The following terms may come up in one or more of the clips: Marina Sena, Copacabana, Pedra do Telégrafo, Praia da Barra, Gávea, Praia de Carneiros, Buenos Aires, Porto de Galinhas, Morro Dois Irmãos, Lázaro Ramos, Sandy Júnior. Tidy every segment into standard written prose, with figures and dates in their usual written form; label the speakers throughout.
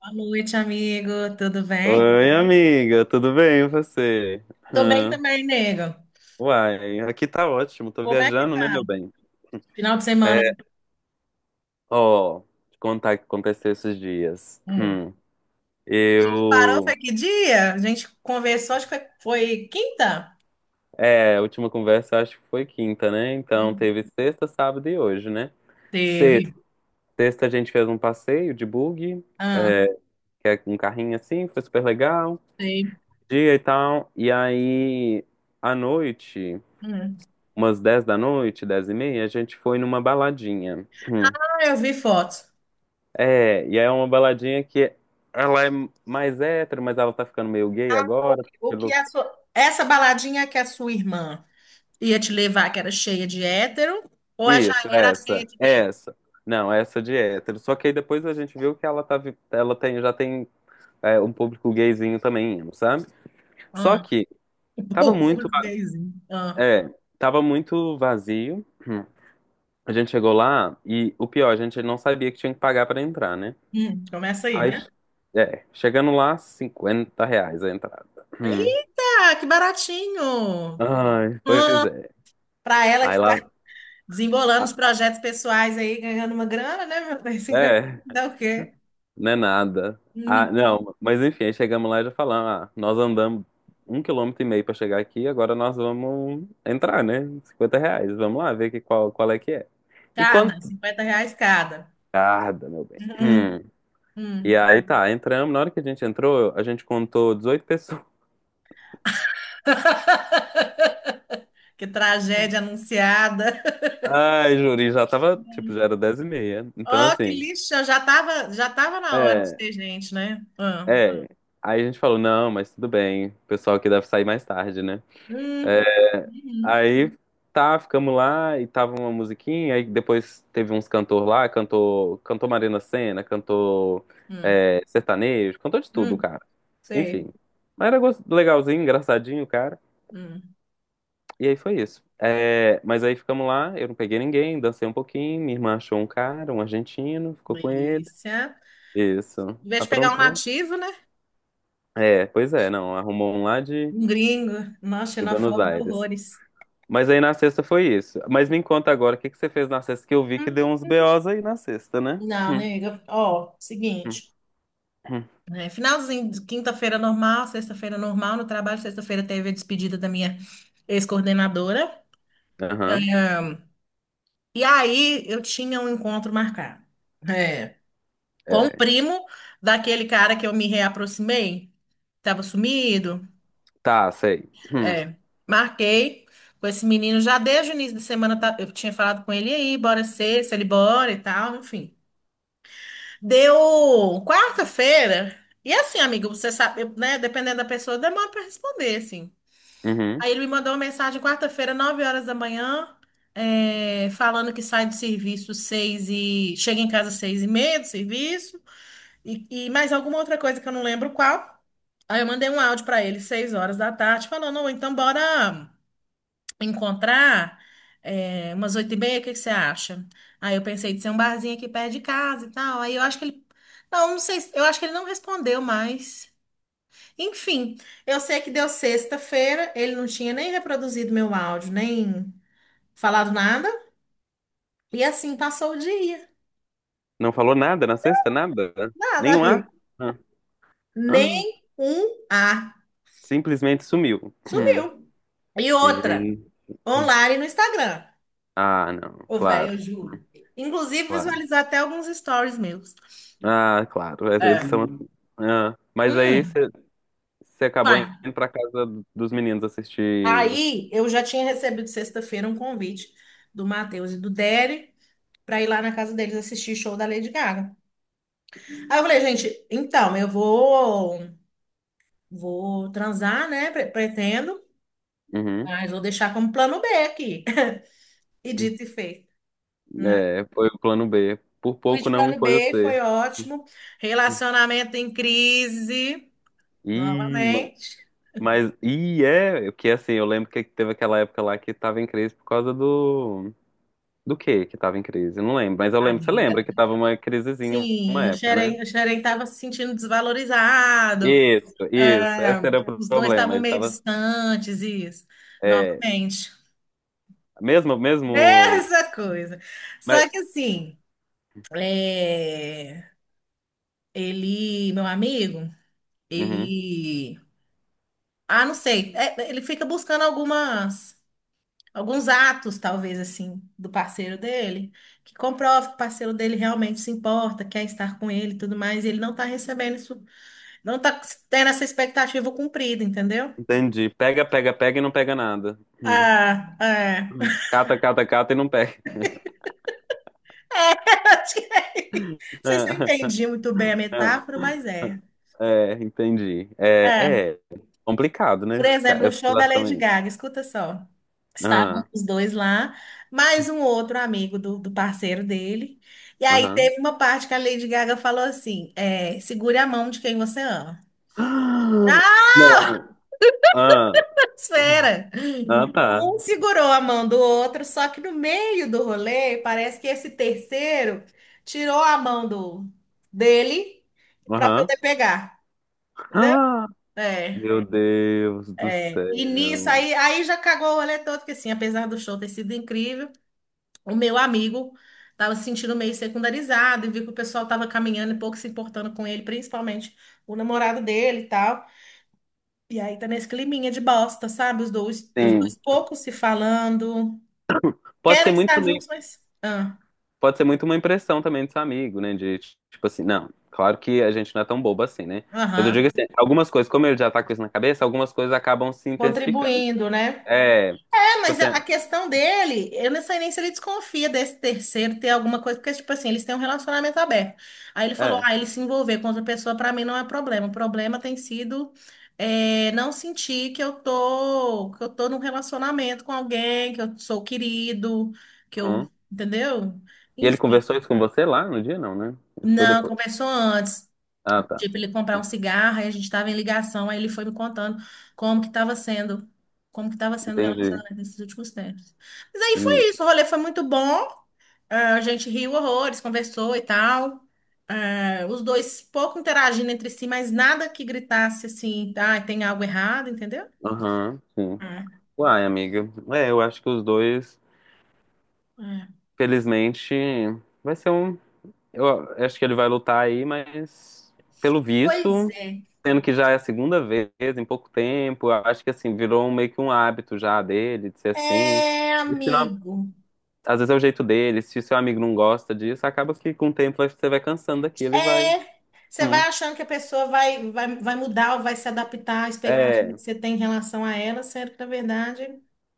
Speaker 1: Boa noite, amigo. Tudo bem?
Speaker 2: Oi, amiga, tudo bem e você?
Speaker 1: Tô bem
Speaker 2: Hã?
Speaker 1: também, nego.
Speaker 2: Uai, aqui tá ótimo, tô
Speaker 1: Como é que
Speaker 2: viajando, né,
Speaker 1: tá?
Speaker 2: meu bem?
Speaker 1: Final de semana,
Speaker 2: É,
Speaker 1: hein?
Speaker 2: ó, te contar o que aconteceu esses dias.
Speaker 1: Hum. A gente parou,
Speaker 2: Eu.
Speaker 1: foi que dia? A gente conversou, acho que foi quinta?
Speaker 2: É, a última conversa eu acho que foi quinta, né? Então
Speaker 1: Hum.
Speaker 2: teve sexta, sábado e hoje, né? Sexta,
Speaker 1: Teve.
Speaker 2: sexta a gente fez um passeio de buggy,
Speaker 1: Ah,
Speaker 2: que é um carrinho assim, foi super legal,
Speaker 1: teve.
Speaker 2: dia e tal. E aí, à noite,
Speaker 1: Hum.
Speaker 2: umas 10 da noite, 10h30, a gente foi numa baladinha.
Speaker 1: Ah, eu vi fotos.
Speaker 2: É, e aí é uma baladinha que ela é mais hétero, mas ela tá ficando meio gay
Speaker 1: O
Speaker 2: agora.
Speaker 1: que o que
Speaker 2: Pelo...
Speaker 1: a sua... Essa baladinha que a sua irmã ia te levar, que era cheia de hétero, ou ela já
Speaker 2: Isso,
Speaker 1: era cheia
Speaker 2: essa,
Speaker 1: de gay?
Speaker 2: essa. Não, essa de hétero. Só que aí depois a gente viu que ela, tá, ela tem, já tem um público gayzinho também, indo, sabe? Só
Speaker 1: Ah.
Speaker 2: que tava
Speaker 1: O
Speaker 2: muito,
Speaker 1: público
Speaker 2: va-
Speaker 1: gayzinho. Ah.
Speaker 2: é, tava muito vazio. Hum. A gente chegou lá e o pior, a gente não sabia que tinha que pagar pra entrar, né?
Speaker 1: Hum. Começa aí,
Speaker 2: Aí,
Speaker 1: né?
Speaker 2: chegando lá, R$ 50 a entrada. Hum.
Speaker 1: Eita, que baratinho!
Speaker 2: Ai, pois
Speaker 1: Ah,
Speaker 2: é.
Speaker 1: para ela que
Speaker 2: Aí
Speaker 1: está
Speaker 2: lá.
Speaker 1: desembolando os projetos pessoais aí, ganhando uma grana, né, meu bem? 50
Speaker 2: É,
Speaker 1: dá o quê?
Speaker 2: não é nada. Ah,
Speaker 1: Hum,
Speaker 2: não, mas enfim, aí chegamos lá e já falamos, ah, nós andamos 1,5 km pra chegar aqui, agora nós vamos entrar, né? R$ 50, vamos lá ver qual é que é. E quanto?
Speaker 1: cada, R$ 50 cada.
Speaker 2: Tarda, meu bem.
Speaker 1: Hum,
Speaker 2: Hum. E
Speaker 1: hum.
Speaker 2: aí tá, entramos, na hora que a gente entrou, a gente contou 18 pessoas.
Speaker 1: Que tragédia anunciada.
Speaker 2: Ai, juri, já tava, tipo, já era 10 e meia. Então,
Speaker 1: Oh, que
Speaker 2: assim,
Speaker 1: lixo, já tava na hora de
Speaker 2: é,
Speaker 1: ter gente, né? Ah.
Speaker 2: é. Aí a gente falou, não, mas tudo bem, o pessoal aqui deve sair mais tarde, né?
Speaker 1: Hum,
Speaker 2: É.
Speaker 1: uhum,
Speaker 2: Aí tá, ficamos lá e tava uma musiquinha, aí depois teve uns cantor lá, cantou Marina Sena, cantou
Speaker 1: hum,
Speaker 2: sertanejo, cantou de tudo,
Speaker 1: hum,
Speaker 2: cara. Enfim.
Speaker 1: sei.
Speaker 2: Mas era legalzinho, engraçadinho, cara.
Speaker 1: Hum,
Speaker 2: E aí foi isso. É, mas aí ficamos lá, eu não peguei ninguém, dancei um pouquinho, minha irmã achou um cara, um argentino, ficou com ele.
Speaker 1: delícia.
Speaker 2: Isso.
Speaker 1: Em vez de pegar um
Speaker 2: Aprontou.
Speaker 1: nativo, né?
Speaker 2: É, pois é, não, arrumou um lá de,
Speaker 1: Um gringo. Nossa,
Speaker 2: de Buenos
Speaker 1: xenofóbico,
Speaker 2: Aires.
Speaker 1: horrores.
Speaker 2: Mas aí na sexta foi isso. Mas me conta agora, o que que você fez na sexta? Que eu vi que deu
Speaker 1: Hum.
Speaker 2: uns BOs aí na sexta, né?
Speaker 1: Não, nega. Ó,
Speaker 2: Hum,
Speaker 1: seguinte.
Speaker 2: hum.
Speaker 1: É, finalzinho de quinta-feira normal, sexta-feira normal no trabalho, sexta-feira teve a despedida da minha ex-coordenadora.
Speaker 2: Aham.
Speaker 1: Ahn, E aí eu tinha um encontro marcado, é, com o
Speaker 2: É.
Speaker 1: primo daquele cara que eu me reaproximei, estava sumido.
Speaker 2: Tá, sei.
Speaker 1: É, marquei com esse menino já desde o início da semana, eu tinha falado com ele e aí, bora ser se ele bora e tal, enfim. Deu quarta-feira. E assim, amigo, você sabe, eu, né, dependendo da pessoa, demora para responder, assim.
Speaker 2: Uhum.
Speaker 1: Aí ele me mandou uma mensagem quarta-feira, 9h da manhã, falando que sai do serviço seis e chega em casa seis e meia do serviço e mais alguma outra coisa que eu não lembro qual. Aí eu mandei um áudio para ele 6h da tarde, falando: "Ô, então bora encontrar umas oito e meia, o que que você acha?" Aí eu pensei de ser um barzinho aqui perto de casa e tal. Aí eu acho que ele, não, não sei, eu acho que ele não respondeu mais. Enfim, eu sei que deu sexta-feira, ele não tinha nem reproduzido meu áudio, nem falado nada. E assim passou o dia.
Speaker 2: Não falou nada na sexta? Nada?
Speaker 1: Nada,
Speaker 2: Nenhum A?
Speaker 1: amigo.
Speaker 2: Ah. Ah.
Speaker 1: Nem um A.
Speaker 2: Simplesmente sumiu.
Speaker 1: Sumiu.
Speaker 2: Hum.
Speaker 1: E outra,
Speaker 2: Gente.
Speaker 1: online no Instagram.
Speaker 2: Ah, não.
Speaker 1: Ô, velho, eu
Speaker 2: Claro,
Speaker 1: juro. Inclusive,
Speaker 2: claro.
Speaker 1: visualizar até alguns stories meus.
Speaker 2: Ah, claro. Eles são
Speaker 1: É.
Speaker 2: assim. Ah. Mas aí
Speaker 1: Hum,
Speaker 2: você acabou
Speaker 1: vai.
Speaker 2: indo pra casa dos meninos assistir.
Speaker 1: Aí eu já tinha recebido sexta-feira um convite do Matheus e do Dery para ir lá na casa deles assistir show da Lady Gaga. Aí eu falei, gente, então, eu vou. Vou transar, né? Pretendo,
Speaker 2: Uhum.
Speaker 1: mas vou deixar como plano B aqui. E dito e feito, né?
Speaker 2: É, foi o plano B. Por
Speaker 1: Fui
Speaker 2: pouco
Speaker 1: de
Speaker 2: não
Speaker 1: plano
Speaker 2: foi o
Speaker 1: B, foi
Speaker 2: C.
Speaker 1: ótimo. Relacionamento em crise,
Speaker 2: Ih, ma-
Speaker 1: novamente.
Speaker 2: mas. Ih, é. Porque assim, eu lembro que teve aquela época lá que tava em crise por causa do. Do quê que tava em crise? Eu não lembro. Mas eu lembro, você lembra
Speaker 1: Amiga.
Speaker 2: que tava uma crisezinha uma
Speaker 1: Sim,
Speaker 2: época, né?
Speaker 1: O Xerém estava se sentindo desvalorizado.
Speaker 2: Isso, isso.
Speaker 1: É,
Speaker 2: Esse era o
Speaker 1: os dois
Speaker 2: problema.
Speaker 1: estavam
Speaker 2: Ele
Speaker 1: meio
Speaker 2: tava.
Speaker 1: distantes, isso.
Speaker 2: É.
Speaker 1: Novamente.
Speaker 2: Mesmo, mesmo.
Speaker 1: Mesma coisa.
Speaker 2: Mas.
Speaker 1: Só que assim, é, ele, meu amigo,
Speaker 2: Uhum,
Speaker 1: ele. Ah, não sei. É, ele fica buscando alguns atos, talvez, assim, do parceiro dele, que comprova que o parceiro dele realmente se importa, quer estar com ele e tudo mais, e ele não está recebendo isso, não está tendo essa expectativa cumprida, entendeu?
Speaker 2: entendi. Pega, pega, pega e não pega nada. Hum.
Speaker 1: Ah, é.
Speaker 2: Cata, cata, cata e não pega.
Speaker 1: Acho que é isso. Não sei se eu entendi muito bem a metáfora, mas é.
Speaker 2: É, entendi.
Speaker 1: É.
Speaker 2: É complicado, né?
Speaker 1: Por
Speaker 2: esse ca-
Speaker 1: exemplo, o
Speaker 2: Essa
Speaker 1: show da
Speaker 2: situação
Speaker 1: Lady
Speaker 2: aí.
Speaker 1: Gaga, escuta só.
Speaker 2: Ah,
Speaker 1: Estavam os dois lá, mais um outro amigo do parceiro dele. E aí
Speaker 2: aham.
Speaker 1: teve uma parte que a Lady Gaga falou assim: segure a mão de quem você ama.
Speaker 2: Ah,
Speaker 1: Ah,
Speaker 2: não. Ah,
Speaker 1: espera!
Speaker 2: ah, tá.
Speaker 1: Um segurou a mão do outro, só que no meio do rolê, parece que esse terceiro tirou a mão do dele para
Speaker 2: Aham.
Speaker 1: poder pegar. Entendeu?
Speaker 2: Ah,
Speaker 1: É.
Speaker 2: meu Deus do
Speaker 1: É, e nisso,
Speaker 2: céu.
Speaker 1: aí já cagou o rolê todo, porque assim, apesar do show ter sido incrível, o meu amigo tava se sentindo meio secundarizado e viu que o pessoal tava caminhando e pouco se importando com ele, principalmente o namorado dele e tal. E aí tá nesse climinha de bosta, sabe? Os dois
Speaker 2: Sim.
Speaker 1: pouco se falando,
Speaker 2: Pode
Speaker 1: querem
Speaker 2: ser muito
Speaker 1: estar
Speaker 2: também,
Speaker 1: juntos, mas. Ah,
Speaker 2: pode ser muito uma impressão também do seu amigo, né? De tipo assim, não, claro que a gente não é tão bobo assim, né? Mas eu digo
Speaker 1: aham,
Speaker 2: assim, algumas coisas, como ele já tá com isso na cabeça, algumas coisas acabam se intensificando.
Speaker 1: contribuindo, né?
Speaker 2: É, tipo
Speaker 1: Mas
Speaker 2: assim,
Speaker 1: a
Speaker 2: é.
Speaker 1: questão dele, eu não sei nem se ele desconfia desse terceiro ter alguma coisa, porque, tipo assim, eles têm um relacionamento aberto. Aí ele falou,
Speaker 2: é.
Speaker 1: ah, ele se envolver com outra pessoa, pra mim não é problema. O problema tem sido não sentir que eu tô num relacionamento com alguém, que eu sou querido, que eu,
Speaker 2: Uhum.
Speaker 1: entendeu?
Speaker 2: E ele
Speaker 1: Enfim,
Speaker 2: conversou isso com você lá no dia? Não, né? Isso foi
Speaker 1: não,
Speaker 2: depois.
Speaker 1: conversou antes.
Speaker 2: Ah, tá.
Speaker 1: Tipo, ele comprar um cigarro, aí a gente estava em ligação, aí ele foi me contando como que estava sendo, como que estava sendo o
Speaker 2: Entendi.
Speaker 1: relacionamento nesses últimos tempos. Mas aí
Speaker 2: E.
Speaker 1: foi isso, o rolê foi muito bom, ah, a gente riu horrores, conversou e tal. Ah, os dois pouco interagindo entre si, mas nada que gritasse assim, ah, tem algo errado, entendeu?
Speaker 2: Aham, sim.
Speaker 1: É,
Speaker 2: Uai, amiga. É, eu acho que os dois,
Speaker 1: é.
Speaker 2: felizmente, vai ser um. Eu acho que ele vai lutar aí, mas pelo
Speaker 1: Pois
Speaker 2: visto,
Speaker 1: é.
Speaker 2: sendo que já é a segunda vez em pouco tempo, eu acho que assim, virou meio que um hábito já dele, de ser assim.
Speaker 1: É,
Speaker 2: E se não-
Speaker 1: amigo.
Speaker 2: às vezes é o jeito dele, se o seu amigo não gosta disso, acaba que com o tempo você vai cansando daquilo e vai.
Speaker 1: É, você vai
Speaker 2: Hum.
Speaker 1: achando que a pessoa vai mudar ou vai se adaptar à expectativa
Speaker 2: É,
Speaker 1: que você tem em relação a ela, sendo que, na verdade,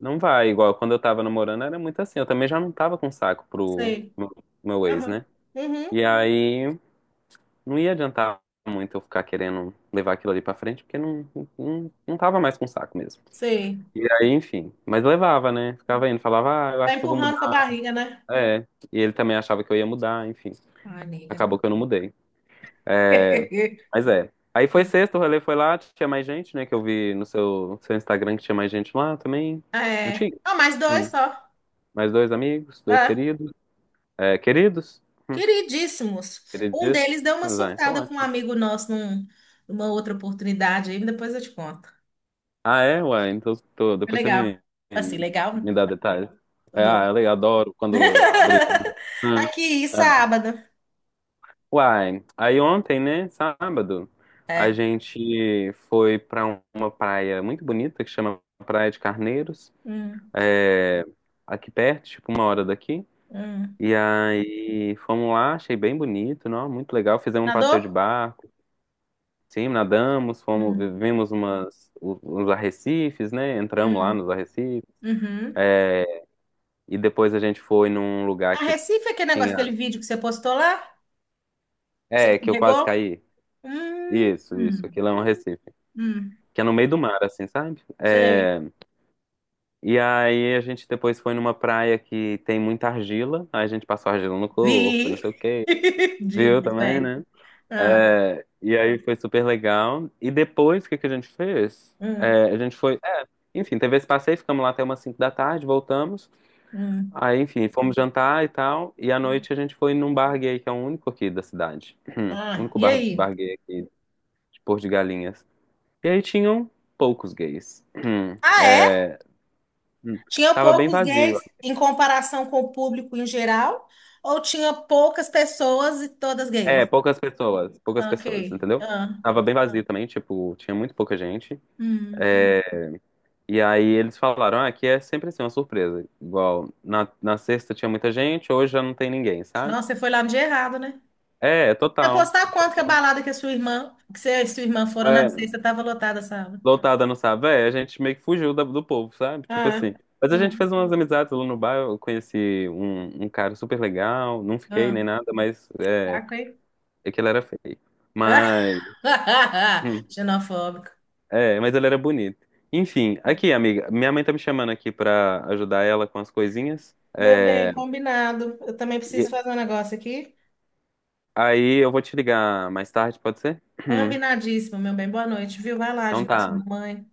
Speaker 2: não vai, igual quando eu tava namorando era muito assim. Eu também já não tava com saco pro
Speaker 1: sei.
Speaker 2: meu ex,
Speaker 1: Aham.
Speaker 2: né? E
Speaker 1: Uhum.
Speaker 2: aí não ia adiantar muito eu ficar querendo levar aquilo ali pra frente, porque não, não, não tava mais com saco mesmo.
Speaker 1: Sei.
Speaker 2: E aí, enfim. Mas levava, né? Ficava indo, falava, ah, eu
Speaker 1: Vai
Speaker 2: acho que eu vou
Speaker 1: empurrando com a
Speaker 2: mudar.
Speaker 1: barriga, né?
Speaker 2: É. E ele também achava que eu ia mudar, enfim.
Speaker 1: Ai, nega,
Speaker 2: Acabou
Speaker 1: não.
Speaker 2: que eu não mudei. É, mas é. Aí foi sexta, o rolê foi lá, tinha mais gente, né? Que eu vi no seu Instagram que tinha mais gente lá também. Não
Speaker 1: É.
Speaker 2: tinha?
Speaker 1: Ah, mais dois
Speaker 2: Hum.
Speaker 1: só.
Speaker 2: Mais dois amigos, dois
Speaker 1: É.
Speaker 2: queridos. É, queridos? Hum,
Speaker 1: Queridíssimos. Um
Speaker 2: Queridíssimos?
Speaker 1: deles deu uma
Speaker 2: Ah, então
Speaker 1: surtada com um
Speaker 2: ótimo.
Speaker 1: amigo nosso numa outra oportunidade aí, depois eu te conto.
Speaker 2: Ah, é? Ué, então
Speaker 1: Foi
Speaker 2: depois você
Speaker 1: legal.
Speaker 2: me,
Speaker 1: Assim, legal, né?
Speaker 2: me dá detalhes. É, ah, eu adoro quando brigam. Ah,
Speaker 1: Aqui,
Speaker 2: ah.
Speaker 1: sábado.
Speaker 2: Uai, aí ontem, né, sábado, a
Speaker 1: É.
Speaker 2: gente foi pra uma praia muito bonita que chama Praia de Carneiros,
Speaker 1: Hum,
Speaker 2: é, aqui perto, tipo uma hora daqui.
Speaker 1: hum.
Speaker 2: E aí fomos lá, achei bem bonito, não? Muito legal. Fizemos um passeio
Speaker 1: Nadou?
Speaker 2: de barco. Sim, nadamos, fomos,
Speaker 1: Hum,
Speaker 2: vivemos uns arrecifes, né? Entramos lá nos
Speaker 1: hum,
Speaker 2: arrecifes.
Speaker 1: uhum.
Speaker 2: E depois a gente foi num
Speaker 1: A
Speaker 2: lugar que
Speaker 1: Recife é aquele negócio, aquele
Speaker 2: tinha.
Speaker 1: vídeo que você postou lá, que você
Speaker 2: É, que eu quase
Speaker 1: escorregou?
Speaker 2: caí.
Speaker 1: Hum,
Speaker 2: Isso, isso.
Speaker 1: hum,
Speaker 2: Aquilo é um arrecife.
Speaker 1: hum,
Speaker 2: Que é no meio do mar, assim, sabe?
Speaker 1: sei.
Speaker 2: E aí a gente depois foi numa praia que tem muita argila. Aí a gente passou argila no corpo,
Speaker 1: Vi.
Speaker 2: não sei o quê. Viu
Speaker 1: Divos,
Speaker 2: também,
Speaker 1: velho.
Speaker 2: né?
Speaker 1: Ah,
Speaker 2: É, e aí foi super legal. E depois, o que que a gente fez?
Speaker 1: hum,
Speaker 2: É, a gente foi. Enfim, teve esse passeio, ficamos lá até umas 5 da tarde, voltamos.
Speaker 1: hum.
Speaker 2: Aí, enfim, fomos jantar e tal. E à noite a gente foi num bar gay, que é o único aqui da cidade. O
Speaker 1: Ah,
Speaker 2: único
Speaker 1: e
Speaker 2: bar
Speaker 1: aí?
Speaker 2: gay aqui de Porto de Galinhas. E aí tinham poucos gays.
Speaker 1: Ah, é?
Speaker 2: É,
Speaker 1: Tinha
Speaker 2: tava bem
Speaker 1: poucos
Speaker 2: vazio.
Speaker 1: gays em comparação com o público em geral? Ou tinha poucas pessoas e todas
Speaker 2: É,
Speaker 1: gays?
Speaker 2: poucas pessoas. Poucas
Speaker 1: Ok.
Speaker 2: pessoas, entendeu?
Speaker 1: Ah,
Speaker 2: Tava bem vazio também, tipo, tinha muito pouca gente.
Speaker 1: hum.
Speaker 2: É, e aí eles falaram, ah, aqui é sempre assim, uma surpresa. Igual, na sexta tinha muita gente, hoje já não tem ninguém, sabe?
Speaker 1: Nossa, você foi lá no dia errado, né?
Speaker 2: É, total.
Speaker 1: Apostar quanto que a
Speaker 2: Então,
Speaker 1: balada que a sua irmã, que você e sua irmã foram na
Speaker 2: É,
Speaker 1: sexta, tava lotada a sala.
Speaker 2: Lotada não sabe, a gente meio que fugiu do povo, sabe? Tipo
Speaker 1: Ah,
Speaker 2: assim. Mas a gente
Speaker 1: ah,
Speaker 2: fez umas amizades lá no bar, eu conheci um cara super legal, não fiquei
Speaker 1: ah,
Speaker 2: nem nada, mas é,
Speaker 1: saco, hein?
Speaker 2: é que ele era feio. Mas, hum,
Speaker 1: Xenofóbico.
Speaker 2: mas ele era bonito. Enfim, aqui, amiga, minha mãe tá me chamando aqui pra ajudar ela com as coisinhas.
Speaker 1: Meu bem,
Speaker 2: É,
Speaker 1: combinado. Eu também preciso
Speaker 2: e
Speaker 1: fazer um negócio aqui.
Speaker 2: aí eu vou te ligar mais tarde, pode ser?
Speaker 1: Combinadíssimo, meu bem. Boa noite, viu? Vai lá
Speaker 2: Então
Speaker 1: ajudar sua
Speaker 2: tá.
Speaker 1: mamãe.